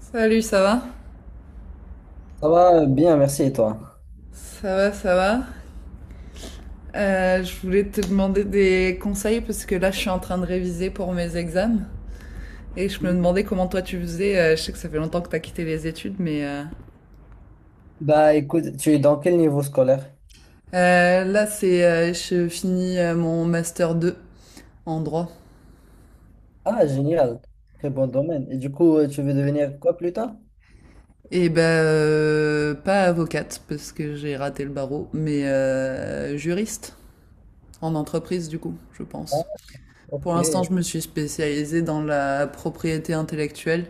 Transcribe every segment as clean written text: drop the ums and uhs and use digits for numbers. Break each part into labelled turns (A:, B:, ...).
A: Salut, ça va?
B: Ça va bien, merci et toi?
A: Ça va, ça va. Je voulais te demander des conseils parce que là, je suis en train de réviser pour mes examens et je me
B: Oui.
A: demandais comment toi tu faisais. Je sais que ça fait longtemps que t'as quitté les études, mais
B: Bah écoute, tu es dans quel niveau scolaire?
A: là, c'est je finis mon master 2 en droit.
B: Ah, génial, très bon domaine. Et du coup, tu veux devenir quoi plus tard?
A: Et ben pas avocate parce que j'ai raté le barreau, mais juriste en entreprise du coup, je
B: Ah,
A: pense.
B: ok,
A: Pour l'instant, je me suis spécialisée dans la propriété intellectuelle.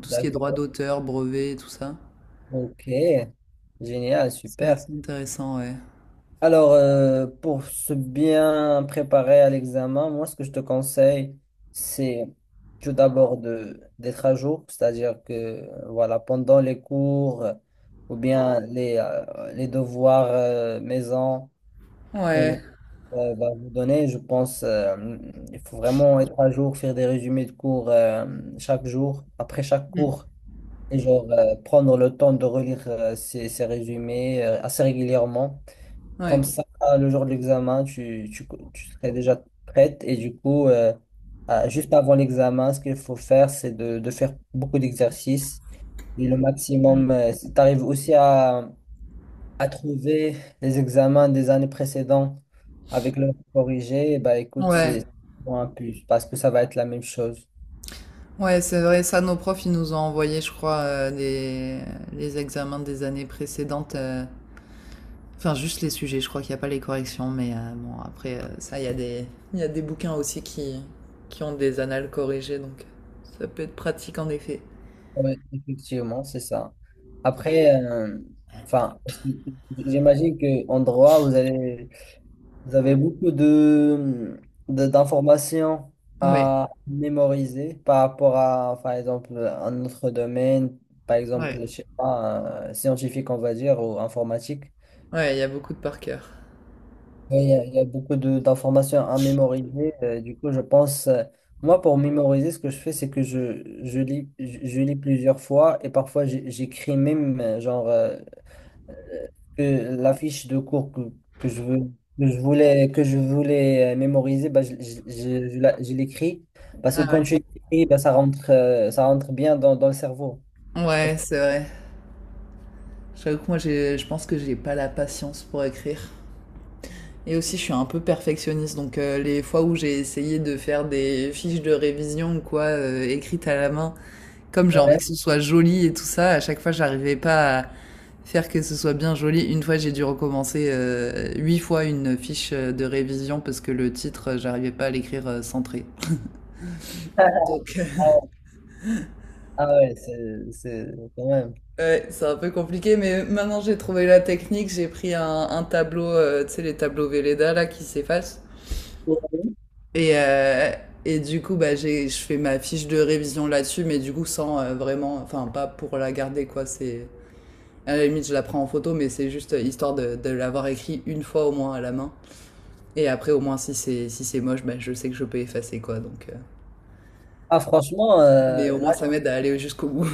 A: Tout ce qui est droit
B: d'accord,
A: d'auteur, brevet, tout ça.
B: ok, génial,
A: C'est
B: super.
A: assez intéressant, ouais.
B: Alors, pour se bien préparer à l'examen, moi, ce que je te conseille, c'est tout d'abord de d'être à jour, c'est-à-dire que, voilà, pendant les cours ou bien les devoirs maison,
A: Ouais.
B: va vous donner. Je pense il faut vraiment être à jour, faire des résumés de cours chaque jour, après chaque
A: Mm.
B: cours, et genre prendre le temps de relire ces résumés assez régulièrement. Comme
A: Ouais.
B: ça, le jour de l'examen, tu serais déjà prête. Et du coup, juste avant l'examen, ce qu'il faut faire, c'est de faire beaucoup d'exercices. Et le
A: Mm.
B: maximum, si tu arrives aussi à trouver les examens des années précédentes avec leurs corrigés, bah écoute,
A: Ouais.
B: c'est vraiment un plus parce que ça va être la même chose.
A: Ouais, c'est vrai, ça, nos profs, ils nous ont envoyé, je crois, les examens des années précédentes. Enfin, juste les sujets, je crois qu'il n'y a pas les corrections, mais bon, après, ça, il y a il y a des bouquins aussi qui ont des annales corrigées, donc ça peut être pratique en effet.
B: Oui, effectivement, c'est ça. Après, enfin, parce que j'imagine qu'en droit, vous allez, vous avez beaucoup d'informations
A: Ouais,
B: à mémoriser par rapport à, par exemple, un autre domaine, par exemple,
A: ouais.
B: je sais pas, scientifique, on va dire, ou informatique.
A: Ouais, il y a beaucoup de par cœur.
B: Oui, il y a beaucoup d'informations à mémoriser. Du coup, je pense, moi, pour mémoriser, ce que je fais, c'est que je lis, je lis plusieurs fois et parfois j'écris même, euh, que la fiche de cours que je veux, que je voulais mémoriser, bah, je l'écris. Parce que
A: Ah
B: quand
A: ouais.
B: tu écris, bah, ça rentre bien dans le cerveau. Tu vois ce
A: Ouais,
B: que-
A: c'est vrai. J'avoue que moi, je pense que j'ai pas la patience pour écrire. Et aussi, je suis un peu perfectionniste, donc les fois où j'ai essayé de faire des fiches de révision ou quoi, écrites à la main, comme j'ai envie
B: Ouais.
A: que ce soit joli et tout ça, à chaque fois, j'arrivais pas à faire que ce soit bien joli. Une fois, j'ai dû recommencer huit fois une fiche de révision parce que le titre, j'arrivais pas à l'écrire centré. Donc,
B: Ah ouais, ah ouais, c'est quand même.
A: ouais, c'est un peu compliqué, mais maintenant j'ai trouvé la technique. J'ai pris un tableau, tu sais, les tableaux Velleda là qui s'effacent. Et, euh, et du coup, bah, je fais ma fiche de révision là-dessus, mais du coup, sans vraiment, enfin, pas pour la garder, quoi. À la limite, je la prends en photo, mais c'est juste histoire de l'avoir écrit une fois au moins à la main. Et après, au moins, si c'est moche, bah, je sais que je peux effacer, quoi. Donc,
B: Ah, franchement,
A: mais au moins, ça m'aide à aller jusqu'au bout.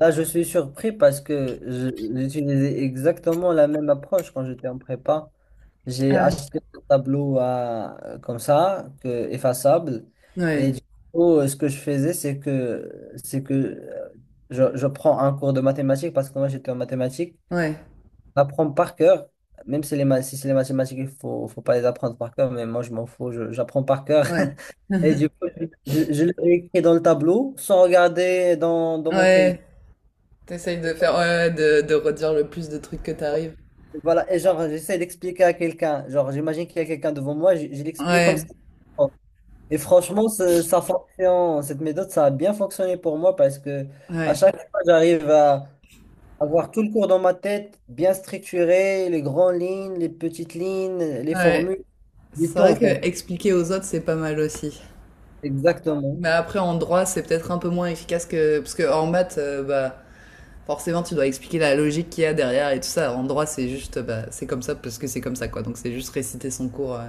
B: Là, je suis surpris parce que j'utilisais exactement la même approche quand j'étais en prépa. J'ai
A: Ah ouais.
B: acheté un tableau à, comme ça, que, effaçable. Et du coup, ce que je faisais, c'est que je prends un cours de mathématiques parce que moi, j'étais en mathématiques.
A: Ouais,
B: J'apprends par cœur, même si, si c'est les mathématiques, faut pas les apprendre par cœur, mais moi, je m'en fous, j'apprends par cœur.
A: ouais, ouais.
B: Et du coup, je l'ai écrit dans le tableau sans regarder dans mon cahier.
A: Ouais, t'essayes de faire, ouais, ouais, de redire le plus de trucs que t'arrives.
B: Voilà, et genre, j'essaie d'expliquer à quelqu'un. Genre, j'imagine qu'il y a quelqu'un devant moi, je l'explique comme ça.
A: Ouais,
B: Et franchement, ça fonctionne. Cette méthode, ça a bien fonctionné pour moi parce que à
A: ouais,
B: chaque fois, j'arrive à avoir tout le cours dans ma tête, bien structuré, les grandes lignes, les petites lignes, les
A: ouais.
B: formules, du
A: C'est
B: tout en
A: vrai
B: fait.
A: que expliquer aux autres, c'est pas mal aussi.
B: Exactement.
A: Mais après, en droit, c'est peut-être un peu moins efficace que. Parce que en maths, bah, forcément, tu dois expliquer la logique qu'il y a derrière et tout ça. En droit, c'est juste. Bah, c'est comme ça parce que c'est comme ça, quoi. Donc, c'est juste réciter son cours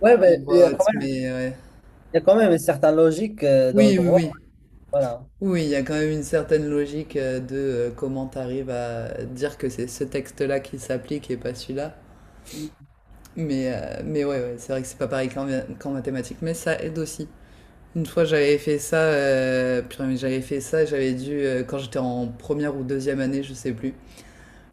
B: Ouais,
A: en
B: mais
A: voix haute. Mais ouais.
B: il y a quand même une certaine logique dans le
A: Oui, oui,
B: droit.
A: oui.
B: Voilà.
A: Oui, il y a quand même une certaine logique de comment t'arrives à dire que c'est ce texte-là qui s'applique et pas celui-là.
B: Ouais,
A: Mais ouais, ouais, c'est vrai que c'est pas pareil qu'en mathématiques, mais ça aide aussi. Une fois, j'avais fait ça, purée, mais j'avais fait ça, j'avais dû, quand j'étais en première ou deuxième année, je sais plus,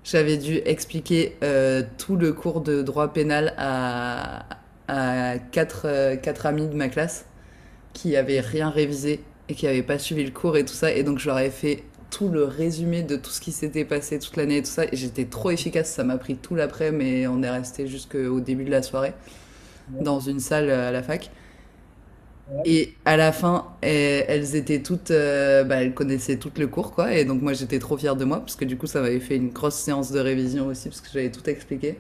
A: j'avais dû expliquer tout le cours de droit pénal à quatre amis de ma classe qui avaient rien révisé et qui n'avaient pas suivi le cours et tout ça. Et donc, je leur ai fait tout le résumé de tout ce qui s'était passé toute l'année et tout ça. Et j'étais trop efficace, ça m'a pris tout l'après, mais on est resté jusqu'au début de la soirée dans une salle à la fac.
B: ouais,
A: Et à la fin, eh, elles étaient toutes, bah, elles connaissaient toutes le cours, quoi. Et donc moi, j'étais trop fière de moi, parce que du coup, ça m'avait fait une grosse séance de révision aussi, parce que j'avais tout expliqué.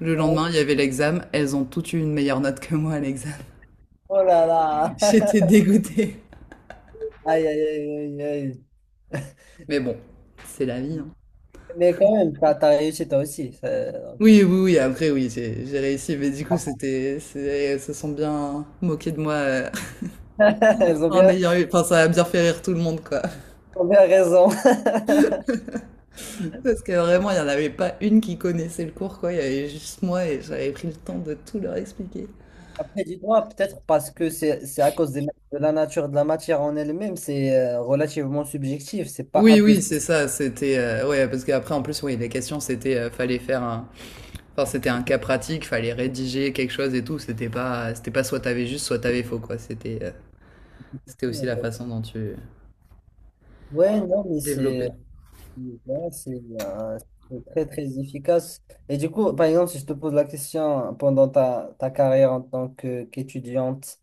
A: Le
B: ouais.
A: lendemain, il y avait l'examen. Elles ont toutes eu une meilleure note que moi à l'examen.
B: Oh là là.
A: J'étais dégoûtée.
B: Aïe, aïe, aïe, aïe, aïe.
A: Mais bon, c'est la vie, hein.
B: Mais quand même, t'as réussi toi aussi. Ça- donc.
A: Oui, oui, oui. Après, oui, j'ai réussi, mais du coup, elles se sont bien moquées de moi.
B: Elles ont
A: En
B: bien,
A: ayant eu, enfin, ça a bien fait rire tout le monde, quoi.
B: Elles ont bien raison.
A: Parce que vraiment, il n'y en avait pas une qui connaissait le cours, quoi. Il y avait juste moi et j'avais pris le temps de tout leur expliquer.
B: Après, dis-moi, peut-être parce que c'est à cause de la nature de la matière en elle-même, c'est relativement subjectif. C'est pas un
A: Oui,
B: plus.
A: oui,
B: Un
A: c'est ça. C'était ouais, parce qu'après en plus, oui, les questions c'était fallait faire un, enfin c'était un cas pratique, fallait rédiger quelque chose et tout. C'était pas soit t'avais juste, soit t'avais faux quoi. C'était, c'était
B: plus,
A: aussi
B: en
A: la
B: fait.
A: façon dont tu
B: Ouais, non, mais c'est,
A: développais.
B: ouais, c'est très, très efficace. Et du coup, par exemple, si je te pose la question pendant ta carrière en tant qu'étudiante,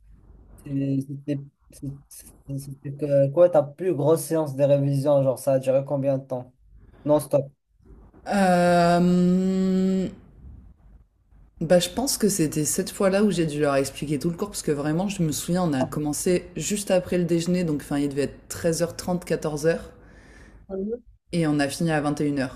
B: Et C'était c'est- c'était que- quoi ta plus grosse séance de révision? Genre, ça a duré combien de temps? Non-stop.
A: Euh, Bah, je pense que c'était cette fois-là où j'ai dû leur expliquer tout le cours, parce que vraiment, je me souviens, on a commencé juste après le déjeuner, donc enfin, il devait être 13h30, 14h.
B: Mhm.
A: Et on a fini à 21h.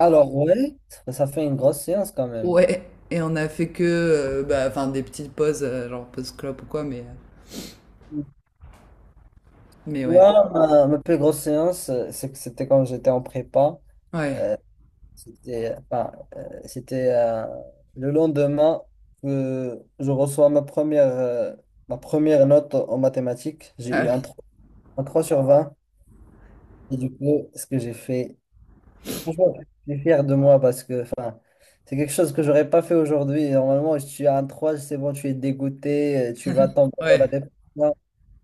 B: Alors, ouais, ça fait une grosse séance quand même.
A: Ouais, et on a fait que bah, enfin, des petites pauses, genre pause clope ou quoi, mais ouais.
B: Ouais, ma plus grosse séance, c'est que c'était quand j'étais en prépa.
A: Ouais.
B: C'était Enfin, c'était le lendemain que je reçois ma première note en mathématiques. J'ai eu un,
A: Ah,
B: trois un 3/20. Et du coup, ce que j'ai fait, franchement, je suis fier de moi parce que enfin, c'est quelque chose que j'aurais pas fait aujourd'hui. Normalement, tu as un 3 c'est bon, tu es dégoûté, tu vas tomber dans la
A: ouais.
B: dépression.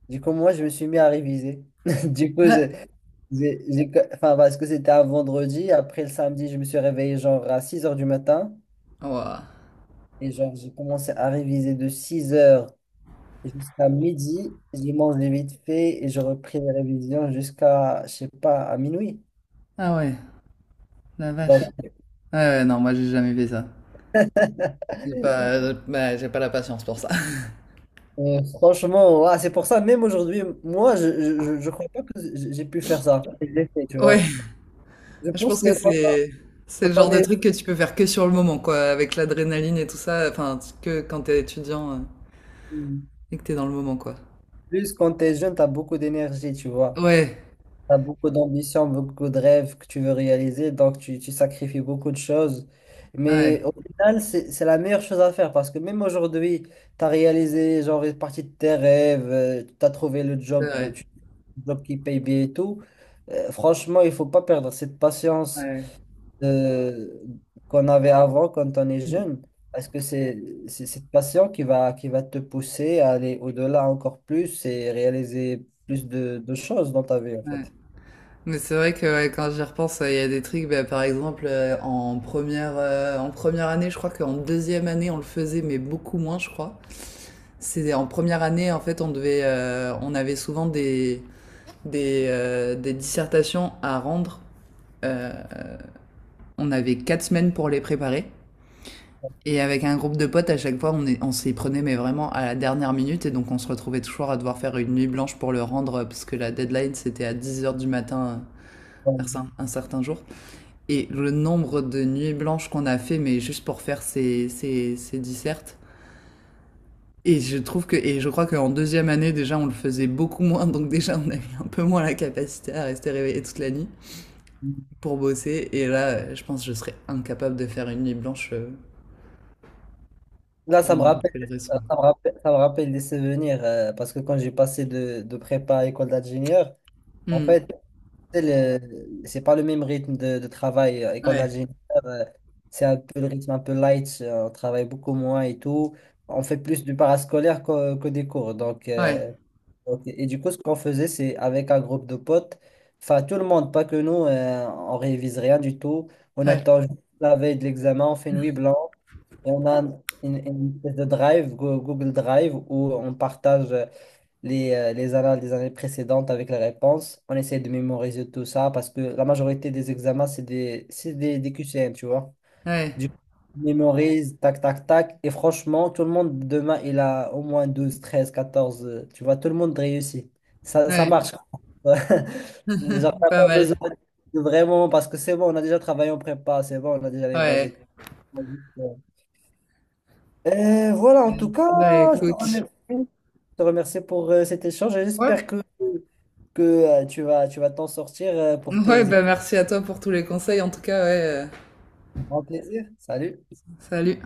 B: Du coup, moi, je me suis mis à réviser. Du coup, enfin, parce que c'était un vendredi, après le samedi, je me suis réveillé genre à 6 heures du matin
A: Ah, ouah.
B: et genre j'ai commencé à réviser de 6 heures jusqu'à midi. J'ai mangé vite fait et je repris les révisions jusqu'à, je sais pas, à minuit.
A: Ah ouais, la
B: Donc,
A: vache. Ouais, ouais, non, moi j'ai jamais fait ça. J'ai pas, bah, j'ai pas la patience pour ça.
B: Franchement, ouais, c'est pour ça, même aujourd'hui, moi, je crois pas que j'ai pu faire ça. J'ai fait, tu
A: Ouais,
B: vois. Je
A: je
B: pense
A: pense que
B: que quand,
A: c'est
B: quand
A: le genre
B: on
A: de
B: est
A: truc que tu peux faire que sur le moment, quoi, avec l'adrénaline et tout ça, enfin, que quand t'es étudiant et que t'es dans le moment, quoi.
B: plus, quand t'es jeune, t'as beaucoup d'énergie, tu vois.
A: Ouais,
B: T'as beaucoup d'ambition, beaucoup de rêves que tu veux réaliser, donc tu sacrifies beaucoup de choses.
A: ouais,
B: Mais au final, c'est la meilleure chose à faire parce que même aujourd'hui, t'as réalisé genre une partie de tes rêves, t'as trouvé le
A: c'est
B: job,
A: vrai.
B: le job qui paye bien et tout. Franchement, il faut pas perdre cette patience
A: Ouais.
B: euh, qu'on avait avant quand on est
A: Mm.
B: jeune. Parce que c'est cette passion qui va te pousser à aller au-delà encore plus et réaliser plus de choses dans ta vie, en
A: Ouais.
B: fait.
A: Mais c'est vrai que ouais, quand j'y repense, il y a des trucs, bah, par exemple, en première année, je crois qu'en deuxième année, on le faisait, mais beaucoup moins, je crois. C'est en première année, en fait, on avait souvent des, des dissertations à rendre. Euh, on avait 4 semaines pour les préparer. Et avec un groupe de potes, à chaque fois, on s'y prenait, mais vraiment à la dernière minute. Et donc, on se retrouvait toujours à devoir faire une nuit blanche pour le rendre, parce que la deadline, c'était à 10h du matin,
B: Donc,
A: un certain jour. Et le nombre de nuits blanches qu'on a fait, mais juste pour faire ces, ces dissertes. Et et je crois qu'en deuxième année, déjà, on le faisait beaucoup moins, donc déjà, on avait un peu moins la capacité à rester réveillé toute la nuit pour bosser. Et là, je pense que je serais incapable de faire une nuit blanche
B: Là,
A: pour
B: ça me
A: n'importe
B: rappelle,
A: quelle raison.
B: ça me rappelle, ça me rappelle des souvenirs parce que quand j'ai passé de prépa à école d'ingénieur, en
A: Hmm.
B: fait, c'est pas le même rythme de travail. École
A: Ouais,
B: d'ingénieur, euh, c'est un peu le rythme un peu light. On travaille beaucoup moins et tout. On fait plus du parascolaire que des cours. Donc,
A: ouais,
B: et du coup, ce qu'on faisait, c'est avec un groupe de potes, enfin tout le monde, pas que nous, on révise rien du tout. On
A: ouais,
B: attend juste la veille de l'examen, on fait nuit blanche. Et on a une espèce de drive, Google Drive, où on partage les annales des années précédentes avec les réponses. On essaie de mémoriser tout ça parce que la majorité des examens, des QCM, tu vois.
A: ouais,
B: Du coup, on mémorise, tac, tac, tac. Et franchement, tout le monde, demain, il a au moins 12, 13, 14 tu vois, tout le monde réussit. Ça
A: ouais,
B: marche. Genre, t'as
A: pas
B: pas
A: mal.
B: besoin de vraiment, parce que c'est bon, on a déjà travaillé en prépa, c'est bon, on a déjà les bases.
A: Ouais.
B: Et tout. Voilà,
A: Euh,
B: en tout cas,
A: Écoute.
B: je te remercie pour cet échange et
A: Ouais.
B: j'espère que tu vas t'en sortir pour
A: Ouais,
B: tes
A: bah merci à toi pour tous les conseils. En tout cas, ouais.
B: grands plaisirs. Salut.
A: Salut.